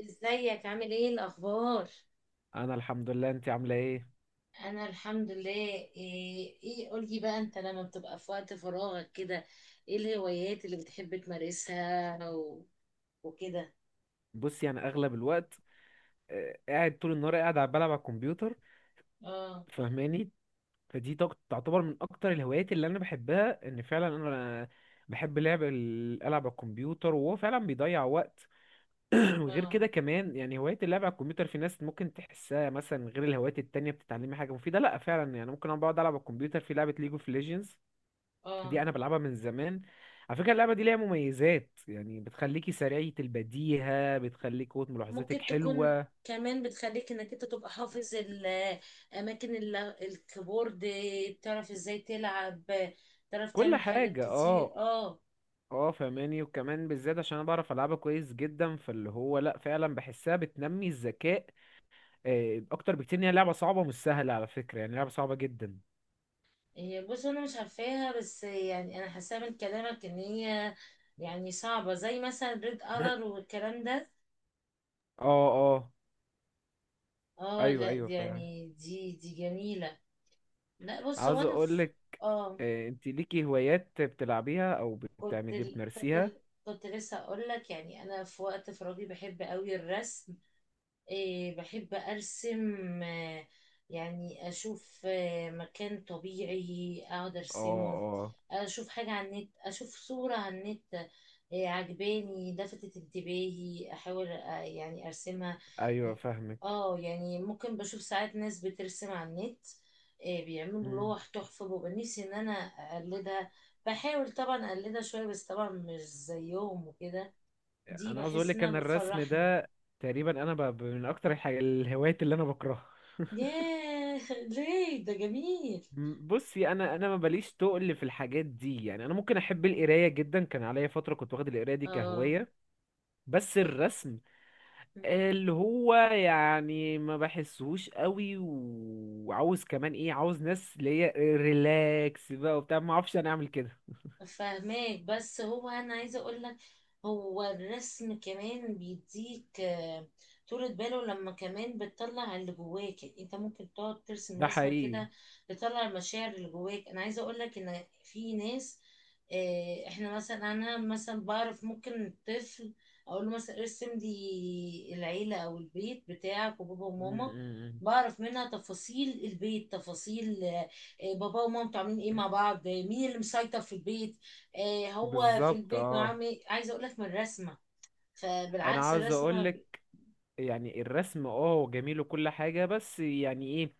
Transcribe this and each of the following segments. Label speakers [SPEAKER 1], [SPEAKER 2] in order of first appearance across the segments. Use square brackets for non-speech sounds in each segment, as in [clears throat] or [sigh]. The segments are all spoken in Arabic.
[SPEAKER 1] ازيك عامل ايه الاخبار؟
[SPEAKER 2] انا الحمد لله، انت عامله ايه؟
[SPEAKER 1] انا الحمد لله. إيه، قولي بقى، انت لما بتبقى في وقت فراغك كده، ايه الهوايات اللي بتحب تمارسها وكده؟
[SPEAKER 2] بصي يعني اغلب الوقت قاعد طول النهار، قاعد على بلعب على الكمبيوتر.
[SPEAKER 1] اه.
[SPEAKER 2] فاهماني؟ تعتبر من اكتر الهوايات اللي انا بحبها، ان فعلا انا بحب لعب العب على الكمبيوتر، وهو فعلا بيضيع وقت. [clears throat] وغير
[SPEAKER 1] اه.
[SPEAKER 2] كده كمان يعني هوايه اللعب على الكمبيوتر في ناس ممكن تحسها مثلا غير الهوايات التانية بتتعلمي حاجه مفيده، لا فعلا يعني ممكن انا بقعد العب على الكمبيوتر في لعبه ليج اوف ليجندز.
[SPEAKER 1] اه.
[SPEAKER 2] دي انا بلعبها من زمان. على فكره اللعبه دي ليها مميزات، يعني بتخليكي سريعه البديهه، بتخليك قوه ملاحظتك
[SPEAKER 1] ممكن تكون،
[SPEAKER 2] حلوه،
[SPEAKER 1] كمان بتخليك انك انت تبقى حافظ الاماكن الكيبورد. تعرف ازاي تلعب، تعرف
[SPEAKER 2] كل
[SPEAKER 1] تعمل حاجات
[SPEAKER 2] حاجه.
[SPEAKER 1] كتير.
[SPEAKER 2] اه
[SPEAKER 1] اه.
[SPEAKER 2] اه فهماني. وكمان بالذات عشان انا بعرف العبها كويس جدا، فاللي هو لا فعلا بحسها بتنمي الذكاء اكتر بكتير. ان هي لعبه صعبه مش سهله على فكره، يعني لعبه صعبه جدا.
[SPEAKER 1] هي، بص، انا مش عارفاها، بس يعني انا حاساها من كلامك ان هي يعني صعبة، زي مثلا ريد ألر
[SPEAKER 2] [coughs]
[SPEAKER 1] والكلام ده.
[SPEAKER 2] اه. اه.
[SPEAKER 1] اه،
[SPEAKER 2] ايوه
[SPEAKER 1] لا
[SPEAKER 2] ايوه فعلا.
[SPEAKER 1] يعني دي جميلة. لا، بص، هو
[SPEAKER 2] عاوز
[SPEAKER 1] انا
[SPEAKER 2] اقول
[SPEAKER 1] في.
[SPEAKER 2] لك،
[SPEAKER 1] اه.
[SPEAKER 2] انت ليكي هوايات بتلعبيها او
[SPEAKER 1] كنت
[SPEAKER 2] بتعملي
[SPEAKER 1] ال... كنت
[SPEAKER 2] بتمارسيها؟
[SPEAKER 1] ال... كنت لسه اقول لك، يعني انا في وقت فراغي بحب قوي الرسم. إيه، بحب أرسم، يعني أشوف مكان طبيعي أقعد
[SPEAKER 2] اه.
[SPEAKER 1] أرسمه.
[SPEAKER 2] اه.
[SPEAKER 1] أشوف حاجة على النت، أشوف صورة على النت عجباني، لفتت انتباهي، أحاول يعني أرسمها.
[SPEAKER 2] ايوه فاهمك.
[SPEAKER 1] اه، يعني ممكن بشوف ساعات ناس بترسم على النت، بيعملوا لوح تحفة، ببقى نفسي إن أنا أقلدها. بحاول طبعا أقلدها شوية، بس طبعا مش زيهم وكده. دي
[SPEAKER 2] انا عاوز اقول
[SPEAKER 1] بحس
[SPEAKER 2] لك
[SPEAKER 1] إنها
[SPEAKER 2] ان الرسم
[SPEAKER 1] بتفرحني.
[SPEAKER 2] ده تقريبا انا من اكتر الهوايات اللي انا بكرهها.
[SPEAKER 1] ياه، دريك ده جميل.
[SPEAKER 2] بصي انا ما بليش تقل في الحاجات دي، يعني انا ممكن احب القرايه جدا، كان عليا فتره كنت واخد القرايه دي
[SPEAKER 1] اه.
[SPEAKER 2] كهوايه. بس
[SPEAKER 1] إيه.
[SPEAKER 2] الرسم
[SPEAKER 1] مم.
[SPEAKER 2] اللي هو يعني ما بحسهوش قوي، وعاوز كمان ايه، عاوز ناس اللي هي ريلاكس بقى وبتاع، ما اعرفش انا اعمل كده.
[SPEAKER 1] فاهماك، بس هو انا عايزه اقول لك، هو الرسم كمان بيديك طولة باله، لما كمان بتطلع اللي جواك، يعني انت ممكن تقعد ترسم
[SPEAKER 2] ده
[SPEAKER 1] رسمه
[SPEAKER 2] حقيقي.
[SPEAKER 1] كده، تطلع المشاعر اللي جواك. انا عايزه اقول لك ان في ناس، احنا مثلا، انا مثلا بعرف ممكن طفل اقول له مثلا ارسم لي العيله او البيت بتاعك وبابا وماما،
[SPEAKER 2] م.
[SPEAKER 1] بعرف منها تفاصيل البيت، تفاصيل بابا ومامته عاملين ايه مع بعض، مين اللي مسيطر في البيت، هو في
[SPEAKER 2] بالظبط
[SPEAKER 1] البيت نوعا
[SPEAKER 2] اه.
[SPEAKER 1] ما، عايزه اقول لك من الرسمه.
[SPEAKER 2] انا
[SPEAKER 1] فبالعكس
[SPEAKER 2] عاوز
[SPEAKER 1] الرسمه
[SPEAKER 2] اقول
[SPEAKER 1] ب...
[SPEAKER 2] لك، يعني الرسم اه هو جميل وكل حاجة، بس يعني ايه،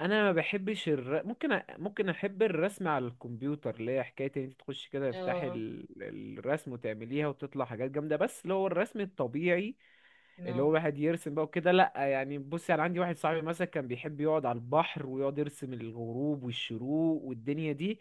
[SPEAKER 2] انا ما بحبش ممكن ممكن احب الرسم على الكمبيوتر، اللي هي حكاية ان انت تخش كده تفتحي
[SPEAKER 1] اه.
[SPEAKER 2] الرسم وتعمليها وتطلع حاجات جامدة. بس اللي هو الرسم الطبيعي
[SPEAKER 1] نو.
[SPEAKER 2] اللي هو واحد يرسم بقى وكده لا. يعني بصي انا عندي واحد صاحبي مثلا كان بيحب يقعد على البحر ويقعد يرسم الغروب والشروق والدنيا دي،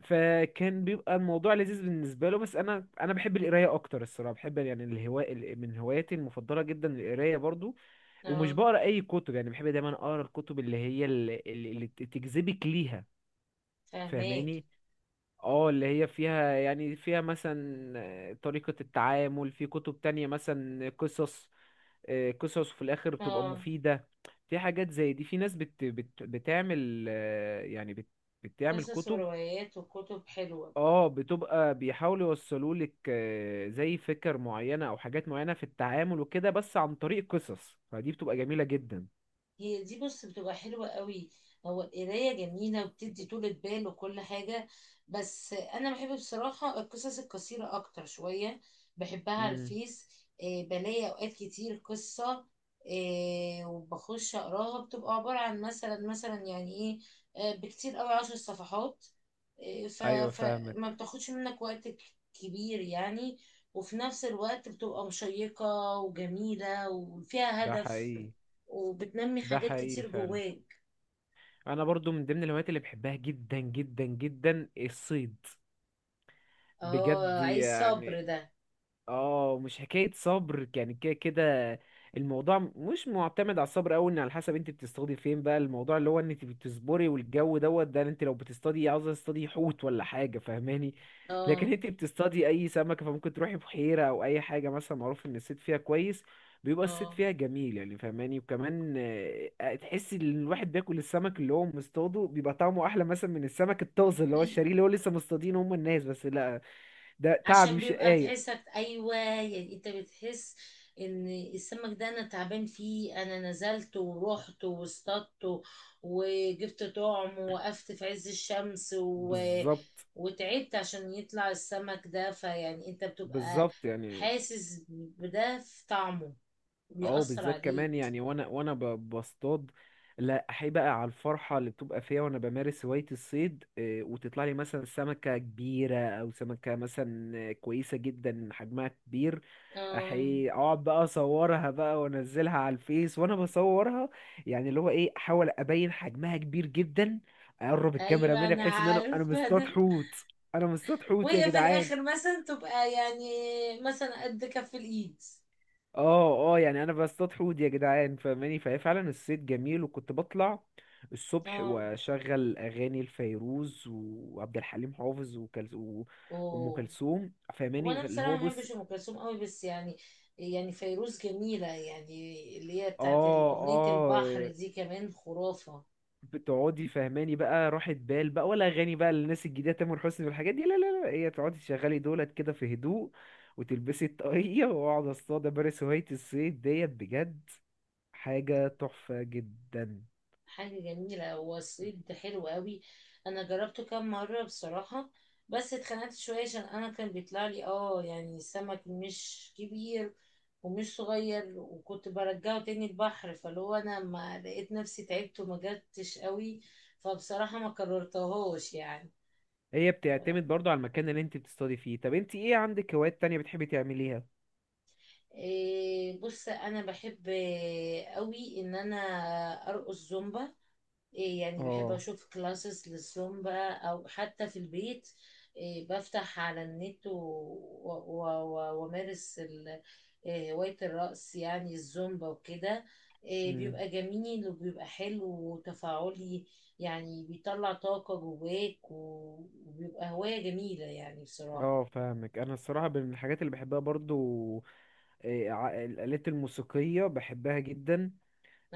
[SPEAKER 2] فكان بيبقى الموضوع لذيذ بالنسبة له. بس انا بحب القراية اكتر الصراحة. بحب يعني الهواء من هواياتي المفضلة جدا القراية برضو. ومش
[SPEAKER 1] اه.
[SPEAKER 2] بقرا اي كتب، يعني بحب دايما اقرا الكتب اللي تجذبك ليها.
[SPEAKER 1] فاهماك.
[SPEAKER 2] فاهماني؟ اه، اللي هي فيها يعني فيها مثلا طريقة التعامل، في كتب تانية مثلا قصص، قصص في الاخر بتبقى
[SPEAKER 1] اه.
[SPEAKER 2] مفيدة. في حاجات زي دي، في ناس بت بت بتعمل آه، يعني بت بتعمل
[SPEAKER 1] قصص
[SPEAKER 2] كتب.
[SPEAKER 1] وروايات وكتب حلوه.
[SPEAKER 2] اه بتبقى بيحاولوا يوصلوا لك زي فكر معينة او حاجات معينة في التعامل وكده، بس عن طريق قصص، فدي بتبقى جميلة جدا.
[SPEAKER 1] هي دي، بص، بتبقى حلوة قوي. هو القراية جميلة وبتدي طولة بال وكل حاجة، بس أنا بحب بصراحة القصص القصيرة أكتر شوية. بحبها على الفيس، بلاقي أوقات كتير قصة وبخش أقراها، بتبقى عبارة عن مثلا يعني إيه، بكتير قوي 10 صفحات، آه، ف-
[SPEAKER 2] ايوه
[SPEAKER 1] فما
[SPEAKER 2] فاهمك.
[SPEAKER 1] بتاخدش منك وقت كبير يعني، وفي نفس الوقت بتبقى مشيقة وجميلة وفيها
[SPEAKER 2] ده
[SPEAKER 1] هدف
[SPEAKER 2] حقيقي.
[SPEAKER 1] وبتنمي
[SPEAKER 2] ده
[SPEAKER 1] حاجات
[SPEAKER 2] حقيقي
[SPEAKER 1] كتير
[SPEAKER 2] فعلا.
[SPEAKER 1] جواك.
[SPEAKER 2] انا برضو من ضمن الهوايات اللي بحبها جدا جدا جدا الصيد. بجد
[SPEAKER 1] اه، عايز صبر
[SPEAKER 2] يعني.
[SPEAKER 1] ده.
[SPEAKER 2] اه مش حكاية صبر يعني، كده كده الموضوع مش معتمد على الصبر أوي، ان على حسب انت بتصطادي فين بقى. الموضوع اللي هو ان انت بتصبري والجو دوت، ده انت لو بتصطادي عاوزة تصطادي حوت ولا حاجة، فاهماني؟ لكن
[SPEAKER 1] اه.
[SPEAKER 2] انت بتصطادي اي سمكة، فممكن تروحي بحيرة او اي حاجة مثلا معروف ان الصيد فيها كويس، بيبقى الصيد
[SPEAKER 1] اه.
[SPEAKER 2] فيها جميل. يعني فاهماني؟ وكمان تحسي ان الواحد بياكل السمك اللي هو مصطاده بيبقى طعمه احلى مثلا من السمك الطازه اللي هو
[SPEAKER 1] ال-
[SPEAKER 2] الشاريه، اللي هو لسه مصطادينه هم الناس، بس لا ده تعب
[SPEAKER 1] عشان بيبقى
[SPEAKER 2] وشقاية.
[SPEAKER 1] تحسك، ايوه، يعني انت بتحس ان السمك ده انا تعبان فيه، انا نزلت ورحت واصطدت وجبت طعم ووقفت في عز الشمس
[SPEAKER 2] بالظبط.
[SPEAKER 1] وتعبت عشان يطلع السمك ده، فيعني انت بتبقى
[SPEAKER 2] بالظبط يعني.
[SPEAKER 1] حاسس بده في طعمه،
[SPEAKER 2] اه
[SPEAKER 1] بيأثر
[SPEAKER 2] بالذات كمان
[SPEAKER 1] عليك.
[SPEAKER 2] يعني، بصطاد لا احب بقى على الفرحه اللي بتبقى فيها وانا بمارس هوايه الصيد، وتطلع لي مثلا سمكه كبيره او سمكه مثلا كويسه جدا حجمها كبير.
[SPEAKER 1] اه،
[SPEAKER 2] احي اقعد بقى اصورها بقى وانزلها على الفيس وانا بصورها، يعني اللي هو ايه احاول ابين حجمها كبير جدا. اقرب الكاميرا
[SPEAKER 1] ايوه،
[SPEAKER 2] مني
[SPEAKER 1] انا
[SPEAKER 2] بحيث ان انا
[SPEAKER 1] عارفه
[SPEAKER 2] مصطاد
[SPEAKER 1] ده.
[SPEAKER 2] حوت، انا مصطاد حوت يا
[SPEAKER 1] وهي في
[SPEAKER 2] جدعان.
[SPEAKER 1] الاخر مثلا تبقى يعني مثلا قد كف الايد.
[SPEAKER 2] اه اه يعني انا بصطاد حوت يا جدعان، فاهماني؟ فهي فعلا الصيد جميل. وكنت بطلع الصبح
[SPEAKER 1] اه.
[SPEAKER 2] واشغل اغاني الفيروز وعبد الحليم حافظ وام
[SPEAKER 1] اوه.
[SPEAKER 2] كلثوم،
[SPEAKER 1] هو
[SPEAKER 2] فاهماني؟
[SPEAKER 1] انا
[SPEAKER 2] اللي هو
[SPEAKER 1] بصراحه ما
[SPEAKER 2] بص،
[SPEAKER 1] بحبش ام كلثوم قوي، بس يعني فيروز جميله، يعني اللي هي بتاعت
[SPEAKER 2] اه.
[SPEAKER 1] اغنيه
[SPEAKER 2] اه.
[SPEAKER 1] البحر دي، كمان خرافه.
[SPEAKER 2] بتقعدي فاهماني بقى راحة بال بقى، ولا اغاني بقى للناس الجديده تامر حسني والحاجات دي لا لا لا. هي تقعدي تشغلي دولت كده في هدوء وتلبسي الطاقية [laughs] واقعد اصطاد، امارس هواية الصيد ديت. بجد حاجة تحفة جدا.
[SPEAKER 1] حاجة جميلة، هو الصيد ده حلو قوي. انا جربته كام مرة بصراحة، بس اتخنقت شوية عشان انا كان بيطلع لي، يعني سمك مش كبير ومش صغير، وكنت برجعه تاني البحر، فاللي هو انا ما لقيت نفسي، تعبت وما جبتش قوي، فبصراحة ما كررتهوش يعني.
[SPEAKER 2] هي بتعتمد برضو على المكان اللي انت بتستضي فيه. طب انت ايه عندك هوايات تانية بتحبي تعمليها؟
[SPEAKER 1] إيه، بص، انا بحب قوي ان انا ارقص زومبا. إيه، يعني بحب
[SPEAKER 2] اه.
[SPEAKER 1] اشوف كلاسز للزومبا، او حتى في البيت، إيه بفتح على النت وامارس إيه، هواية الرقص يعني الزومبا وكده. إيه،
[SPEAKER 2] امم
[SPEAKER 1] بيبقى جميل وبيبقى حلو وتفاعلي، يعني بيطلع طاقة جواك و- وبيبقى هواية جميلة يعني بصراحة.
[SPEAKER 2] اه فاهمك. انا الصراحة من الحاجات اللي بحبها برضو الآلات الموسيقية بحبها جدا.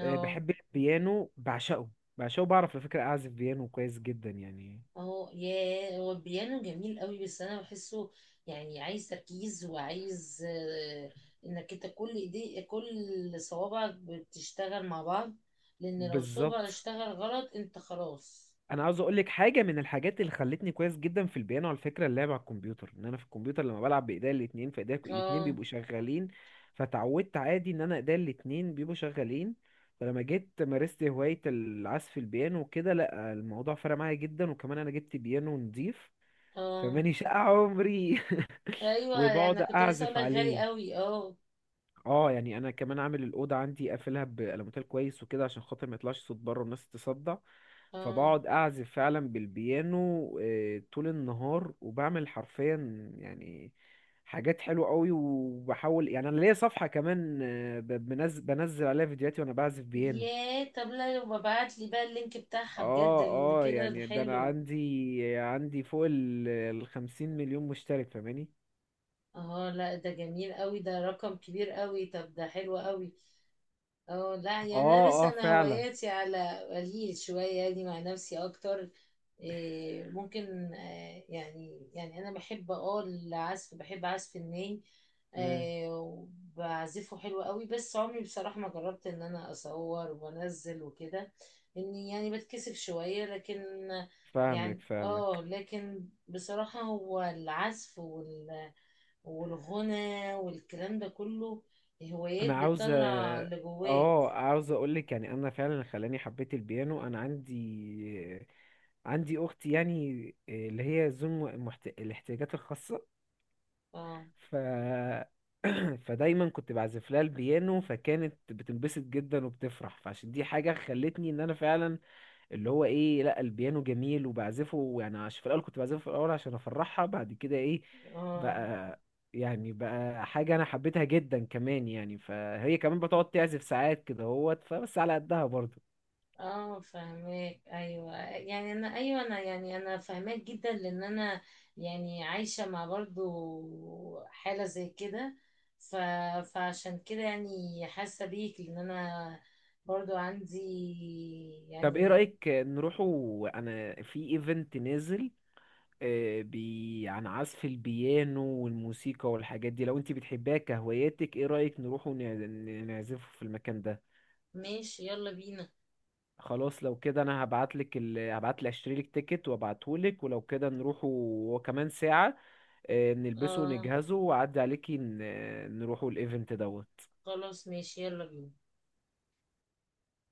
[SPEAKER 2] بحب البيانو، بعشقه بعشقه. بعرف على فكرة اعزف بيانو كويس جدا يعني.
[SPEAKER 1] اه. ياه، هو البيانو جميل قوي، بس انا بحسه يعني عايز تركيز وعايز انك انت كل ايدي، كل صوابعك بتشتغل مع بعض، لان لو صوبع
[SPEAKER 2] بالظبط.
[SPEAKER 1] اشتغل غلط انت خلاص.
[SPEAKER 2] انا عاوز اقول لك حاجه من الحاجات اللي خلتني كويس جدا في البيانو، على فكره، اللعب على الكمبيوتر. ان انا في الكمبيوتر لما بلعب بايديا الاتنين، فايديا الاتنين
[SPEAKER 1] اه.
[SPEAKER 2] بيبقوا شغالين، فتعودت عادي ان انا ايديا الاتنين بيبقوا شغالين. فلما جيت مارست هوايه العزف البيانو وكده، لا الموضوع فرق معايا جدا. وكمان انا جبت بيانو نضيف،
[SPEAKER 1] اه.
[SPEAKER 2] فماني شقى عمري. [laughs]
[SPEAKER 1] ايوه، انا
[SPEAKER 2] وبقعد
[SPEAKER 1] كنت لسه اقول
[SPEAKER 2] اعزف
[SPEAKER 1] لك غالي
[SPEAKER 2] عليه.
[SPEAKER 1] قوي. اه.
[SPEAKER 2] اه يعني انا كمان عامل الاوضه عندي قافلها بالموتيل كويس وكده عشان خاطر ما يطلعش صوت بره والناس تتصدع.
[SPEAKER 1] اه.
[SPEAKER 2] فبقعد اعزف فعلا بالبيانو طول النهار. وبعمل حرفيا يعني حاجات حلوه قوي. وبحاول يعني انا ليا صفحه كمان، بنزل عليها فيديوهاتي وانا بعزف بيانو.
[SPEAKER 1] ياه، طب لا يبقى ابعت لي بقى اللينك بتاعها بجد،
[SPEAKER 2] اه.
[SPEAKER 1] لان
[SPEAKER 2] اه
[SPEAKER 1] كده ده
[SPEAKER 2] يعني ده انا
[SPEAKER 1] حلو.
[SPEAKER 2] عندي فوق 50 مليون مشترك، فاهماني؟
[SPEAKER 1] اه، لا ده جميل قوي، ده رقم كبير قوي، طب ده حلو قوي. اه، لا يعني
[SPEAKER 2] اه.
[SPEAKER 1] انا لسه
[SPEAKER 2] اه
[SPEAKER 1] انا
[SPEAKER 2] فعلا.
[SPEAKER 1] هواياتي على قليل شويه يعني، مع نفسي اكتر. إيه، ممكن، يعني انا بحب، العزف، بحب عزف الناي،
[SPEAKER 2] مم.
[SPEAKER 1] وبعزفه حلو قوي، بس عمري بصراحه ما جربت ان انا اصور وانزل وكده، اني يعني بتكسف شويه، لكن
[SPEAKER 2] فاهمك
[SPEAKER 1] يعني،
[SPEAKER 2] فاهمك.
[SPEAKER 1] لكن بصراحه هو العزف والغنى والكلام ده كله
[SPEAKER 2] انا
[SPEAKER 1] هوايات
[SPEAKER 2] عاوز
[SPEAKER 1] بتطلع اللي جواك.
[SPEAKER 2] اه عاوز اقول لك يعني انا فعلا خلاني حبيت البيانو، انا عندي اختي يعني اللي هي الاحتياجات الخاصة.
[SPEAKER 1] اه.
[SPEAKER 2] ف، [clears throat] فدايما كنت بعزف لها البيانو، فكانت بتنبسط جدا وبتفرح. فعشان دي حاجة خلتني ان انا فعلا اللي هو ايه، لا البيانو جميل وبعزفه. يعني عشان في الاول كنت بعزفه في الاول عشان افرحها، بعد كده ايه
[SPEAKER 1] اه.
[SPEAKER 2] بقى يعني بقى حاجة انا حبيتها جدا كمان. يعني فهي كمان بتقعد تعزف ساعات كده هوت، فبس على قدها برضه.
[SPEAKER 1] اه. فاهماك. ايوه، يعني انا، ايوه، انا يعني انا فاهماك جدا، لان انا يعني عايشه مع برضو حاله زي كده، ف... فعشان كده يعني حاسه بيك، لان انا برضو عندي،
[SPEAKER 2] طب ايه
[SPEAKER 1] يعني.
[SPEAKER 2] رأيك نروحوا، انا في ايفنت نازل بي عن عزف البيانو والموسيقى والحاجات دي، لو انت بتحبها كهواياتك ايه رأيك نروحوا نعزفه في المكان ده؟
[SPEAKER 1] ماشي، يلا بينا.
[SPEAKER 2] خلاص لو كده انا هبعت لي اشتري لك تيكت وابعته لك، ولو كده نروحوا. وكمان ساعة نلبسه
[SPEAKER 1] اه،
[SPEAKER 2] ونجهزه واعدي عليكي نروحوا الايفنت دوت.
[SPEAKER 1] خلاص، ماشي، يلا بينا.